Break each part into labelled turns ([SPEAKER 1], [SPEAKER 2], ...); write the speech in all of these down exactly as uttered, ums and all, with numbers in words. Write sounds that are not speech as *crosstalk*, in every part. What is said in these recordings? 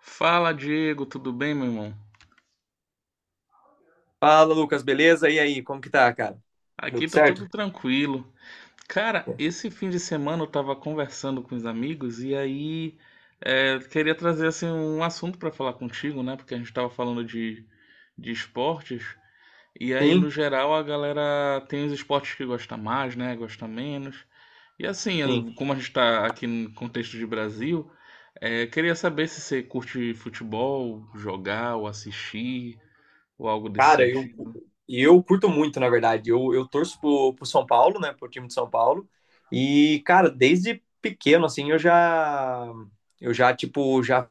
[SPEAKER 1] Fala, Diego, tudo bem, meu irmão?
[SPEAKER 2] Fala, Lucas, beleza? E aí, como que tá, cara? Tudo
[SPEAKER 1] Aqui tá
[SPEAKER 2] certo?
[SPEAKER 1] tudo tranquilo. Cara, esse fim de semana eu tava conversando com os amigos e aí é, queria trazer assim um assunto pra falar contigo, né? Porque a gente tava falando de, de esportes e aí no
[SPEAKER 2] Sim,
[SPEAKER 1] geral a galera tem os esportes que gosta mais, né? Gosta menos. E assim, as-
[SPEAKER 2] sim.
[SPEAKER 1] como a gente tá aqui no contexto de Brasil, é, queria saber se você curte futebol, jogar ou assistir ou algo desse
[SPEAKER 2] Cara, eu, cu-
[SPEAKER 1] sentido.
[SPEAKER 2] eu curto muito, na verdade. Eu, eu torço pro, pro São Paulo, né? Pro time de São Paulo. E, cara, desde pequeno, assim, eu já, eu já, tipo, já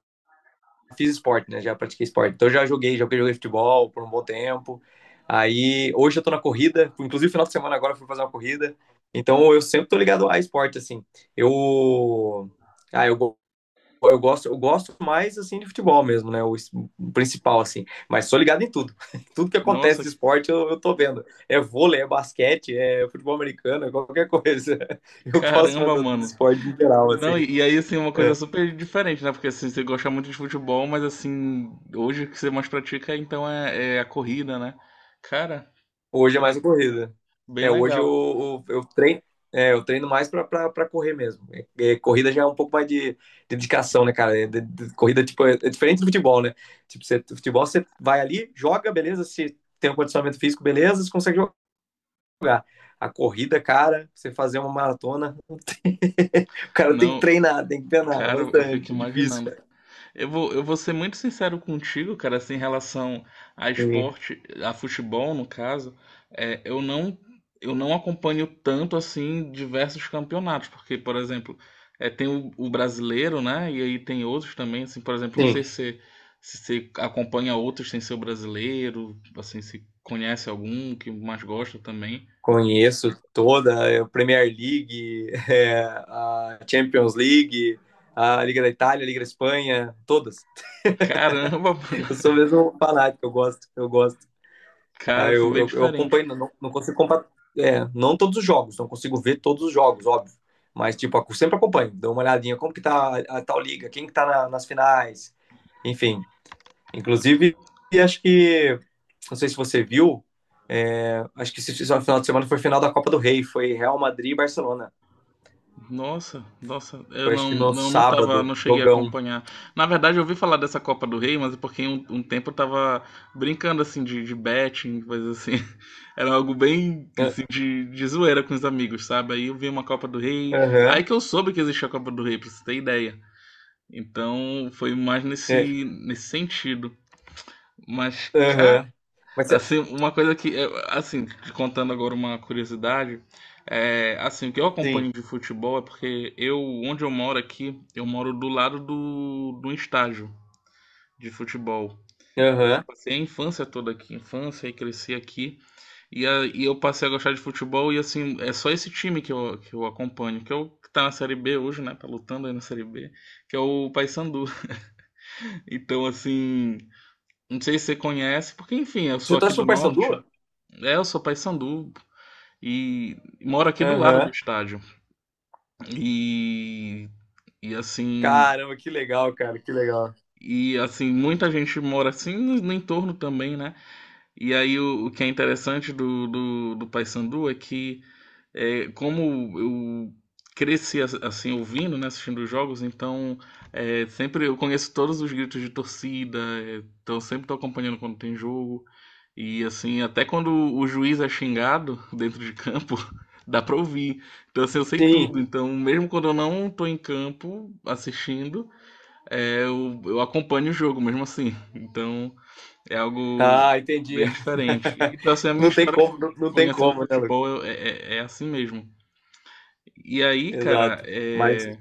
[SPEAKER 2] fiz esporte, né? Já pratiquei esporte. Então, eu já joguei, já joguei futebol por um bom tempo. Aí, hoje eu tô na corrida. Inclusive, final de semana agora eu fui fazer uma corrida. Então, eu sempre tô ligado a esporte, assim. Eu... Ah, eu eu gosto, eu gosto mais assim de futebol mesmo, né? O principal, assim. Mas sou ligado em tudo. *laughs* Tudo que acontece
[SPEAKER 1] Nossa,
[SPEAKER 2] de esporte, eu, eu tô vendo. É vôlei, é basquete, é futebol americano, é qualquer coisa. *laughs* Eu gosto
[SPEAKER 1] caramba,
[SPEAKER 2] do, do
[SPEAKER 1] mano.
[SPEAKER 2] esporte em geral, assim.
[SPEAKER 1] Não, e, e aí, assim, uma coisa
[SPEAKER 2] É.
[SPEAKER 1] super diferente, né? Porque, assim, você gosta muito de futebol, mas, assim, hoje o que você mais pratica, então, é, é a corrida, né? Cara,
[SPEAKER 2] Hoje é mais a corrida.
[SPEAKER 1] bem
[SPEAKER 2] É, hoje
[SPEAKER 1] legal.
[SPEAKER 2] eu, eu, eu treino. É, eu treino mais pra, pra, pra correr mesmo. É, é, corrida já é um pouco mais de dedicação, né, cara? É, de- de- corrida, tipo, é, é diferente do futebol, né? Tipo, você, futebol você vai ali, joga, beleza, se tem um condicionamento físico, beleza, você consegue lugar. A corrida, cara, você fazer uma maratona, não tem... *laughs* o cara tem que
[SPEAKER 1] Não,
[SPEAKER 2] treinar, tem que treinar
[SPEAKER 1] cara, eu fico
[SPEAKER 2] bastante, é difícil,
[SPEAKER 1] imaginando.
[SPEAKER 2] cara.
[SPEAKER 1] Eu vou, eu vou ser muito sincero contigo, cara, assim, em relação a
[SPEAKER 2] Sim,
[SPEAKER 1] esporte, a futebol, no caso, é, eu não, eu não acompanho tanto, assim, diversos campeonatos, porque, por exemplo, é, tem o, o, brasileiro, né, e aí tem outros também, assim, por exemplo, não sei
[SPEAKER 2] sim.
[SPEAKER 1] se se você acompanha outros sem ser o brasileiro, assim, se conhece algum que mais gosta também.
[SPEAKER 2] Conheço toda a Premier League, *laughs* é, a Champions League, a Liga da Itália, a Liga da Espanha, todas.
[SPEAKER 1] Caramba, *laughs* mano,
[SPEAKER 2] Eu sou mesmo um fanático, eu gosto, eu gosto.
[SPEAKER 1] cara,
[SPEAKER 2] Aí
[SPEAKER 1] assim,
[SPEAKER 2] Eu,
[SPEAKER 1] bem
[SPEAKER 2] eu, eu
[SPEAKER 1] diferente.
[SPEAKER 2] acompanho, não, não consigo comparar, é, não todos os jogos, não consigo ver todos os jogos, óbvio. Mas, tipo, ac- sempre acompanho, dou uma olhadinha, como que tá a, a tal liga, quem que tá na- nas finais, enfim. Inclusive, acho que, não sei se você viu, é, acho que esse final de semana foi final da Copa do Rei, foi Real Madrid e Barcelona.
[SPEAKER 1] Nossa, nossa, eu
[SPEAKER 2] Foi acho
[SPEAKER 1] não,
[SPEAKER 2] que no
[SPEAKER 1] não, não tava,
[SPEAKER 2] sábado,
[SPEAKER 1] não cheguei a
[SPEAKER 2] jogão.
[SPEAKER 1] acompanhar. Na verdade, eu ouvi falar dessa Copa do Rei, mas é porque um, um tempo eu tava brincando assim de, de betting, coisa assim. *laughs* Era algo bem assim,
[SPEAKER 2] É,
[SPEAKER 1] de, de zoeira com os amigos, sabe? Aí eu vi uma Copa do Rei.
[SPEAKER 2] aham,
[SPEAKER 1] Aí que eu soube que existia a Copa do Rei, pra você ter ideia. Então foi mais
[SPEAKER 2] é,
[SPEAKER 1] nesse, nesse sentido. Mas,
[SPEAKER 2] aham. Mas cê-
[SPEAKER 1] assim, uma coisa que, eu- assim, te contando agora uma curiosidade, é, assim, o que eu
[SPEAKER 2] sim,
[SPEAKER 1] acompanho de futebol é porque eu, onde eu moro aqui, eu moro do lado do, do, estádio de futebol. E assim,
[SPEAKER 2] aham.
[SPEAKER 1] passei a infância toda aqui, infância e cresci aqui. E, a- e eu passei a gostar de futebol e assim, é só esse time que eu, que eu acompanho, que é o que tá na Série B hoje, né? Tá lutando aí na Série B, que é o Paysandu. *laughs* Então, assim, não sei se você conhece, porque enfim, eu
[SPEAKER 2] Você
[SPEAKER 1] sou aqui
[SPEAKER 2] torce
[SPEAKER 1] do
[SPEAKER 2] pro
[SPEAKER 1] norte.
[SPEAKER 2] Paysandu?
[SPEAKER 1] É, eu sou Paysandu. E moro aqui do lado do
[SPEAKER 2] Aham.
[SPEAKER 1] estádio. E, e assim,
[SPEAKER 2] Caramba, que legal, cara, que legal.
[SPEAKER 1] e assim, muita gente mora assim no, no, entorno também, né? E aí o, o, que é interessante do, do, do Paysandu é que, É, como eu cresci as- assim ouvindo, né, assistindo os jogos, então é, sempre eu conheço todos os gritos de torcida, é, então eu sempre estou acompanhando quando tem jogo e assim até quando o juiz é xingado *laughs* dentro de campo *laughs* dá para ouvir, então assim eu sei
[SPEAKER 2] Sim,
[SPEAKER 1] tudo, então mesmo quando eu não estou em campo assistindo, é, eu, eu acompanho o jogo mesmo assim, então é algo
[SPEAKER 2] ah, entendi.
[SPEAKER 1] bem diferente. E
[SPEAKER 2] *laughs*
[SPEAKER 1] então assim a minha
[SPEAKER 2] Não tem
[SPEAKER 1] história
[SPEAKER 2] como, não, não tem
[SPEAKER 1] conhecendo
[SPEAKER 2] como, né, Lucas?
[SPEAKER 1] futebol é, é é assim mesmo. E aí, cara,
[SPEAKER 2] Exato. Mas
[SPEAKER 1] é...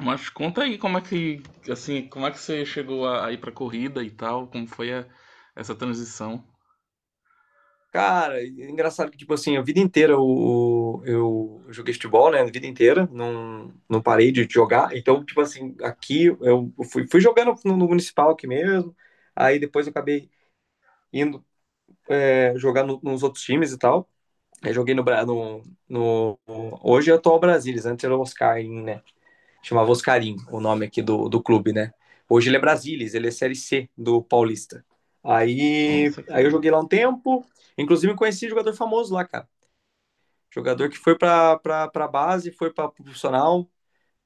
[SPEAKER 1] Mas conta aí como é que, assim, como é que você chegou a, a, ir pra corrida e tal, como foi a- essa transição?
[SPEAKER 2] cara, é engraçado que, tipo assim, a vida inteira eu, eu joguei futebol, né? A vida inteira, não, não parei de jogar. Então, tipo assim, aqui eu fui, fui jogando no, no municipal aqui mesmo. Aí depois eu acabei indo é, jogar no- nos outros times e tal. Aí joguei no, Bra- no, no, no- hoje é o atual Brasilis, antes era o Oscarim, né? Chamava Oscarim, o nome aqui do, do clube, né? Hoje ele é Brasilis, ele é Série C do Paulista. Aí,
[SPEAKER 1] Nossa,
[SPEAKER 2] aí eu
[SPEAKER 1] cara.
[SPEAKER 2] joguei lá um tempo, inclusive conheci um jogador famoso lá, cara. Jogador que foi para a base, foi para profissional,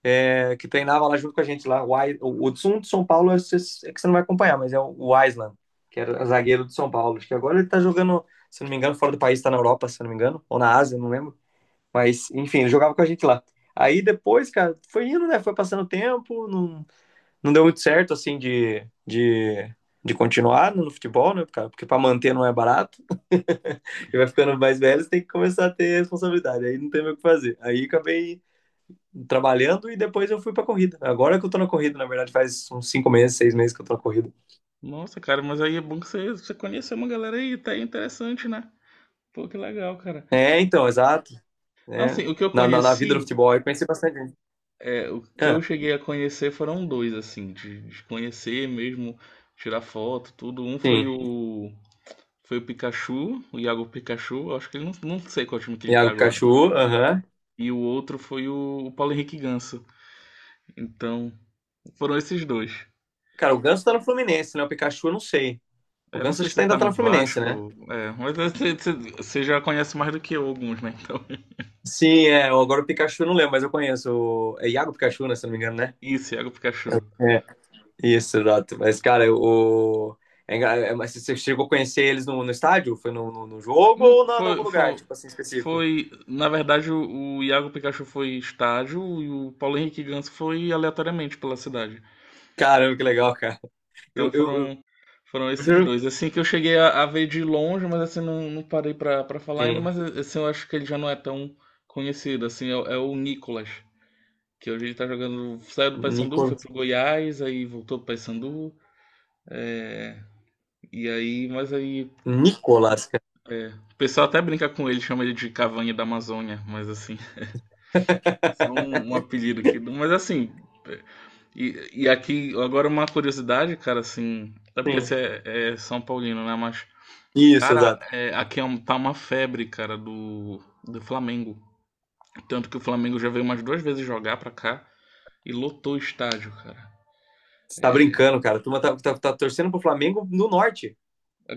[SPEAKER 2] é, que treinava lá junto com a gente lá. O, o, o de São Paulo é, é que você não vai acompanhar, mas é o Island, que era zagueiro de São Paulo. Acho que agora ele está jogando, se não me engano, fora do país, está na Europa, se não me engano, ou na Ásia, não lembro. Mas, enfim, ele jogava com a gente lá. Aí depois, cara, foi indo, né? Foi passando o tempo, não, não deu muito certo, assim, de, de, de continuar no futebol, né, cara? Porque para manter não é barato. E vai ficando mais velho, você tem que começar a ter responsabilidade. Aí não tem mais o que fazer. Aí acabei trabalhando e depois eu fui pra corrida. Agora que eu tô na corrida, na verdade, faz uns cinco meses, seis meses que eu tô na corrida.
[SPEAKER 1] Nossa, cara, mas aí é bom que você, você conheceu uma galera aí, tá aí interessante, né? Pô, que legal, cara.
[SPEAKER 2] É, então, exato.
[SPEAKER 1] Não,
[SPEAKER 2] É.
[SPEAKER 1] assim, o que eu
[SPEAKER 2] Na, na, na vida do
[SPEAKER 1] conheci,
[SPEAKER 2] futebol, eu pensei bastante nisso.
[SPEAKER 1] é, o que eu
[SPEAKER 2] Ah,
[SPEAKER 1] cheguei a conhecer foram dois, assim, de, de conhecer mesmo, tirar foto, tudo. Um foi
[SPEAKER 2] sim.
[SPEAKER 1] o, foi o Pikachu, o Iago Pikachu, eu acho que ele não, não sei qual time que ele tá
[SPEAKER 2] Iago
[SPEAKER 1] agora.
[SPEAKER 2] Pikachu, aham.
[SPEAKER 1] E o outro foi o, o Paulo Henrique Ganso. Então, foram esses dois.
[SPEAKER 2] Cara, o Ganso tá no Fluminense, né? O Pikachu eu não sei. O
[SPEAKER 1] Eu não
[SPEAKER 2] Ganso
[SPEAKER 1] sei
[SPEAKER 2] acho que
[SPEAKER 1] se
[SPEAKER 2] tá-
[SPEAKER 1] ele tá
[SPEAKER 2] ainda tá
[SPEAKER 1] no
[SPEAKER 2] no Fluminense, né?
[SPEAKER 1] Vasco, é, mas *laughs* você- você você já conhece mais do que eu alguns, né? Então, *laughs*
[SPEAKER 2] Sim, é. Agora o Pikachu eu não lembro, mas eu conheço. o- É Iago Pikachu, né? Se eu não me engano, né?
[SPEAKER 1] isso Iago Pikachu.
[SPEAKER 2] É, isso, exato. Mas, cara, o. é engra- é- mas Você chegou a conhecer eles no, no estádio? Foi no, no, no jogo
[SPEAKER 1] Não,
[SPEAKER 2] ou na, em algum
[SPEAKER 1] foi,
[SPEAKER 2] lugar,
[SPEAKER 1] foi,
[SPEAKER 2] tipo assim, específico?
[SPEAKER 1] foi, na verdade, o, o, Iago Pikachu foi estádio e o Paulo Henrique Ganso foi aleatoriamente pela cidade.
[SPEAKER 2] Caramba, que legal, cara. Eu,
[SPEAKER 1] Então,
[SPEAKER 2] eu,
[SPEAKER 1] foram, foram
[SPEAKER 2] eu
[SPEAKER 1] esses
[SPEAKER 2] juro.
[SPEAKER 1] dois. Assim que eu cheguei a, a, ver de longe, mas assim, não, não parei pra, pra falar ainda,
[SPEAKER 2] Sim.
[SPEAKER 1] mas assim, eu acho que ele já não é tão conhecido, assim, é, o- é o Nicolas. Que hoje ele tá jogando. Saiu do Paysandu,
[SPEAKER 2] Nico...
[SPEAKER 1] foi pro Goiás, aí voltou pro Paysandu. E aí, mas aí,
[SPEAKER 2] Nicolas, cara.
[SPEAKER 1] é, o pessoal até brinca com ele, chama ele de Cavanha da Amazônia, mas assim. *laughs* Só um,
[SPEAKER 2] *laughs*
[SPEAKER 1] um apelido aqui. Mas assim, é, E, e aqui, agora uma curiosidade, cara, assim. Até porque
[SPEAKER 2] Sim.
[SPEAKER 1] você é, é São Paulino, né? Mas,
[SPEAKER 2] Isso,
[SPEAKER 1] cara,
[SPEAKER 2] exato.
[SPEAKER 1] é, aqui é um- tá uma febre, cara, do, do, Flamengo. Tanto que o Flamengo já veio umas duas vezes jogar pra cá e lotou o estádio, cara.
[SPEAKER 2] Você tá brincando, cara. A turma tá, tá, tá torcendo pro Flamengo no norte.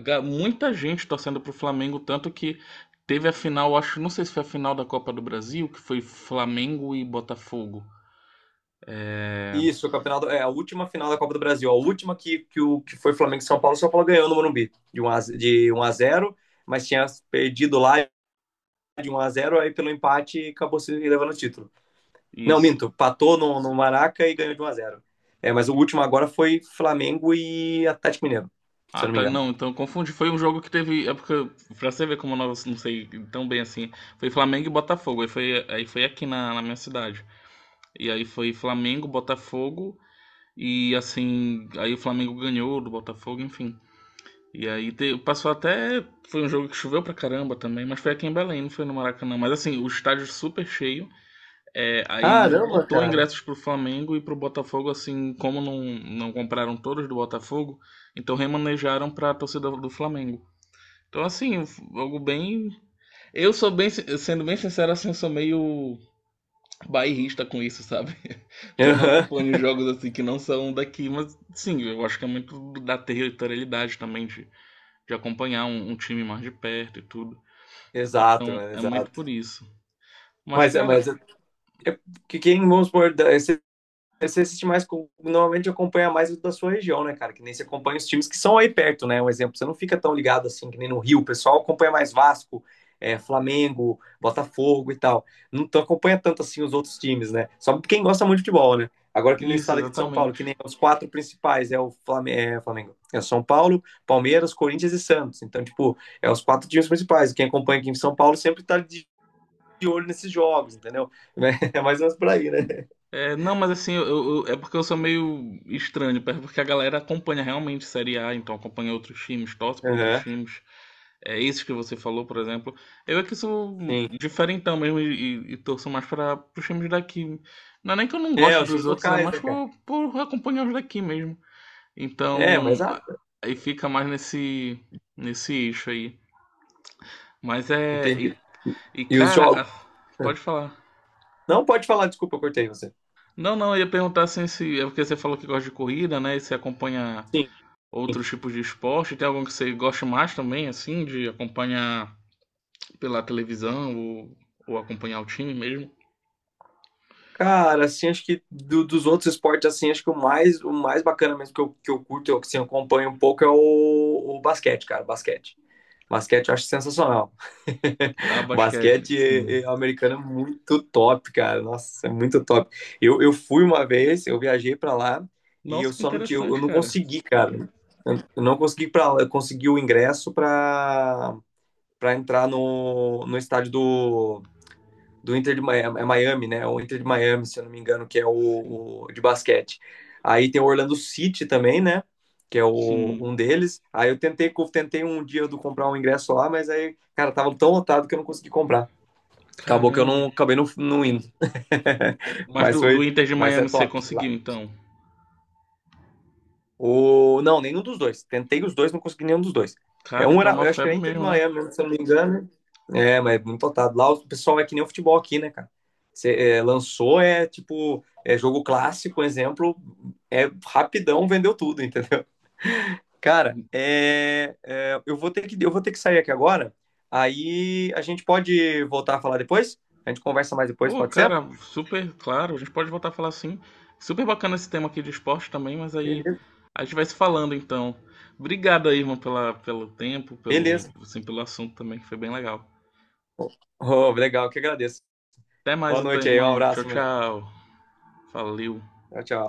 [SPEAKER 1] Ga- Muita gente torcendo pro Flamengo, tanto que teve a final, acho, não sei se foi a final da Copa do Brasil, que foi Flamengo e Botafogo. É,
[SPEAKER 2] Isso, o campeonato, é a última final da Copa do Brasil, a última que, que, o, que foi Flamengo e São Paulo. São Paulo ganhou no Morumbi de um a, zero, de um a zero, mas tinha perdido lá de um a zero, aí pelo empate acabou se levando o título. Não,
[SPEAKER 1] isso.
[SPEAKER 2] minto, patou no, no Maraca e ganhou de um a zero. É, mas o último agora foi Flamengo e Atlético Mineiro, se
[SPEAKER 1] Ah,
[SPEAKER 2] eu não me
[SPEAKER 1] tá,
[SPEAKER 2] engano.
[SPEAKER 1] não, então eu confundi. Foi um jogo que teve, é porque pra você ver como eu não, não sei tão bem assim, foi Flamengo e Botafogo. Aí foi, aí foi aqui na, na minha cidade. E aí foi Flamengo, Botafogo e assim, aí o Flamengo ganhou do Botafogo, enfim. E aí te- passou até. Foi um jogo que choveu pra caramba também, mas foi aqui em Belém, não foi no Maracanã. Mas assim, o estádio é super cheio. É, aí
[SPEAKER 2] Caramba,
[SPEAKER 1] esgotou
[SPEAKER 2] cara.
[SPEAKER 1] ingressos pro Flamengo e pro Botafogo, assim, como não, não compraram todos do Botafogo, então remanejaram pra torcida do Flamengo. Então, assim, algo bem. Eu sou bem, sin- sendo bem sincero, assim, eu sou meio bairrista com isso, sabe? *laughs* Então não
[SPEAKER 2] Aham.
[SPEAKER 1] acompanho
[SPEAKER 2] *laughs*
[SPEAKER 1] jogos assim que não são daqui, mas sim, eu acho que é muito da territorialidade também de de acompanhar um, um time mais de perto e tudo.
[SPEAKER 2] Exato,
[SPEAKER 1] Então
[SPEAKER 2] mano,
[SPEAKER 1] é muito
[SPEAKER 2] exato.
[SPEAKER 1] por isso. Mas,
[SPEAKER 2] Mas,
[SPEAKER 1] cara,
[SPEAKER 2] mas é, é, que quem, vamos supor, da- esse- você assiste mais, normalmente acompanha mais o da sua região, né, cara? Que nem você acompanha os times que são aí perto, né? Um exemplo, você não fica tão ligado assim que nem no Rio, o pessoal acompanha mais Vasco, é, Flamengo, Botafogo e tal. Não acompanha tanto assim os outros times, né? Só quem gosta muito de futebol, né? Agora que no
[SPEAKER 1] isso
[SPEAKER 2] estado aqui de São Paulo,
[SPEAKER 1] exatamente.
[SPEAKER 2] que nem os quatro principais, é o é, Flamengo, é São Paulo, Palmeiras, Corinthians e Santos. Então, tipo, é os quatro times principais. Quem acompanha aqui em São Paulo sempre tá de olho nesses jogos, entendeu? *laughs* É mais ou menos por aí, né?
[SPEAKER 1] É, não, mas assim, eu, eu- é porque eu sou meio estranho, é porque a galera acompanha realmente Série A, então acompanha outros times, torce para outros
[SPEAKER 2] Aham,
[SPEAKER 1] times. É, esses que você falou, por exemplo. Eu é que sou
[SPEAKER 2] sim.
[SPEAKER 1] diferentão mesmo e, e, e torço mais para os times daqui. Não é nem que eu não
[SPEAKER 2] É,
[SPEAKER 1] gosto
[SPEAKER 2] os
[SPEAKER 1] dos
[SPEAKER 2] times
[SPEAKER 1] outros, é
[SPEAKER 2] locais,
[SPEAKER 1] mais
[SPEAKER 2] né, cara?
[SPEAKER 1] por, por, acompanhar os daqui mesmo.
[SPEAKER 2] É,
[SPEAKER 1] Então,
[SPEAKER 2] mas ah,
[SPEAKER 1] a- aí fica mais nesse, nesse eixo aí. Mas é.
[SPEAKER 2] entendi.
[SPEAKER 1] E, e,
[SPEAKER 2] E os
[SPEAKER 1] cara,
[SPEAKER 2] jogos.
[SPEAKER 1] a- pode falar.
[SPEAKER 2] Não pode falar, desculpa, eu cortei você.
[SPEAKER 1] Não, não, eu ia perguntar assim se. É porque você falou que gosta de corrida, né? E você acompanha
[SPEAKER 2] Sim.
[SPEAKER 1] outros tipos de esporte. Tem algum que você gosta mais também, assim, de acompanhar pela televisão ou, ou, acompanhar o time mesmo?
[SPEAKER 2] Cara, assim, acho que do- dos outros esportes, assim, acho que o mais, o mais bacana mesmo que eu, que eu curto, eu, assim, eu acompanho um pouco, é o, o basquete, cara, o basquete. Basquete eu acho sensacional.
[SPEAKER 1] Ah,
[SPEAKER 2] *laughs*
[SPEAKER 1] basquete, sim.
[SPEAKER 2] Basquete americano é muito top, cara. Nossa, é muito top. Eu, eu fui uma vez, eu viajei pra lá e eu
[SPEAKER 1] Nossa, que
[SPEAKER 2] só não tinha, eu
[SPEAKER 1] interessante,
[SPEAKER 2] não
[SPEAKER 1] cara.
[SPEAKER 2] consegui, cara. Eu eu não consegui para, eu consegui o ingresso pra para entrar no, no estádio do do Inter de Miami, é é Miami, né? É o Inter de Miami, se eu não me engano, que é
[SPEAKER 1] Sim.
[SPEAKER 2] o, o de basquete. Aí tem o Orlando City também, né? Que é o,
[SPEAKER 1] Sim.
[SPEAKER 2] um deles. Aí eu tentei, tentei um dia do comprar um ingresso lá, mas aí, cara, tava tão lotado que eu não consegui comprar. Acabou que eu
[SPEAKER 1] Caramba.
[SPEAKER 2] não acabei não, não indo. *laughs*
[SPEAKER 1] Mas
[SPEAKER 2] Mas
[SPEAKER 1] do, do
[SPEAKER 2] foi,
[SPEAKER 1] Inter de
[SPEAKER 2] mas é
[SPEAKER 1] Miami você
[SPEAKER 2] top. Lá
[SPEAKER 1] conseguiu, então?
[SPEAKER 2] o... Não, nenhum dos dois. Tentei os dois, não consegui nenhum dos dois. É
[SPEAKER 1] Cara,
[SPEAKER 2] um
[SPEAKER 1] então
[SPEAKER 2] era,
[SPEAKER 1] é uma
[SPEAKER 2] eu acho que
[SPEAKER 1] febre
[SPEAKER 2] era Inter de
[SPEAKER 1] mesmo, né?
[SPEAKER 2] Miami, mesmo, se eu não me engano. É, mas é muito lotado. Lá o pessoal é que nem o futebol aqui, né, cara? Você é, lançou, é tipo, é jogo clássico, exemplo, é rapidão, vendeu tudo, entendeu? Cara, é, é, eu vou ter que, eu vou ter que sair aqui agora. Aí a gente pode voltar a falar depois? A gente conversa mais depois,
[SPEAKER 1] Pô,
[SPEAKER 2] pode ser?
[SPEAKER 1] cara, super claro. A gente pode voltar a falar assim. Super bacana esse tema aqui de esporte também, mas aí
[SPEAKER 2] Beleza.
[SPEAKER 1] a gente vai se falando então. Obrigado aí, irmão, pela, pelo tempo, pelo,
[SPEAKER 2] Beleza.
[SPEAKER 1] assim, pelo assunto também, que foi bem legal.
[SPEAKER 2] Oh, legal, que agradeço.
[SPEAKER 1] Até mais
[SPEAKER 2] Boa
[SPEAKER 1] então,
[SPEAKER 2] noite aí, um
[SPEAKER 1] irmão. Tchau,
[SPEAKER 2] abraço, mano.
[SPEAKER 1] tchau. Valeu.
[SPEAKER 2] Tchau, tchau.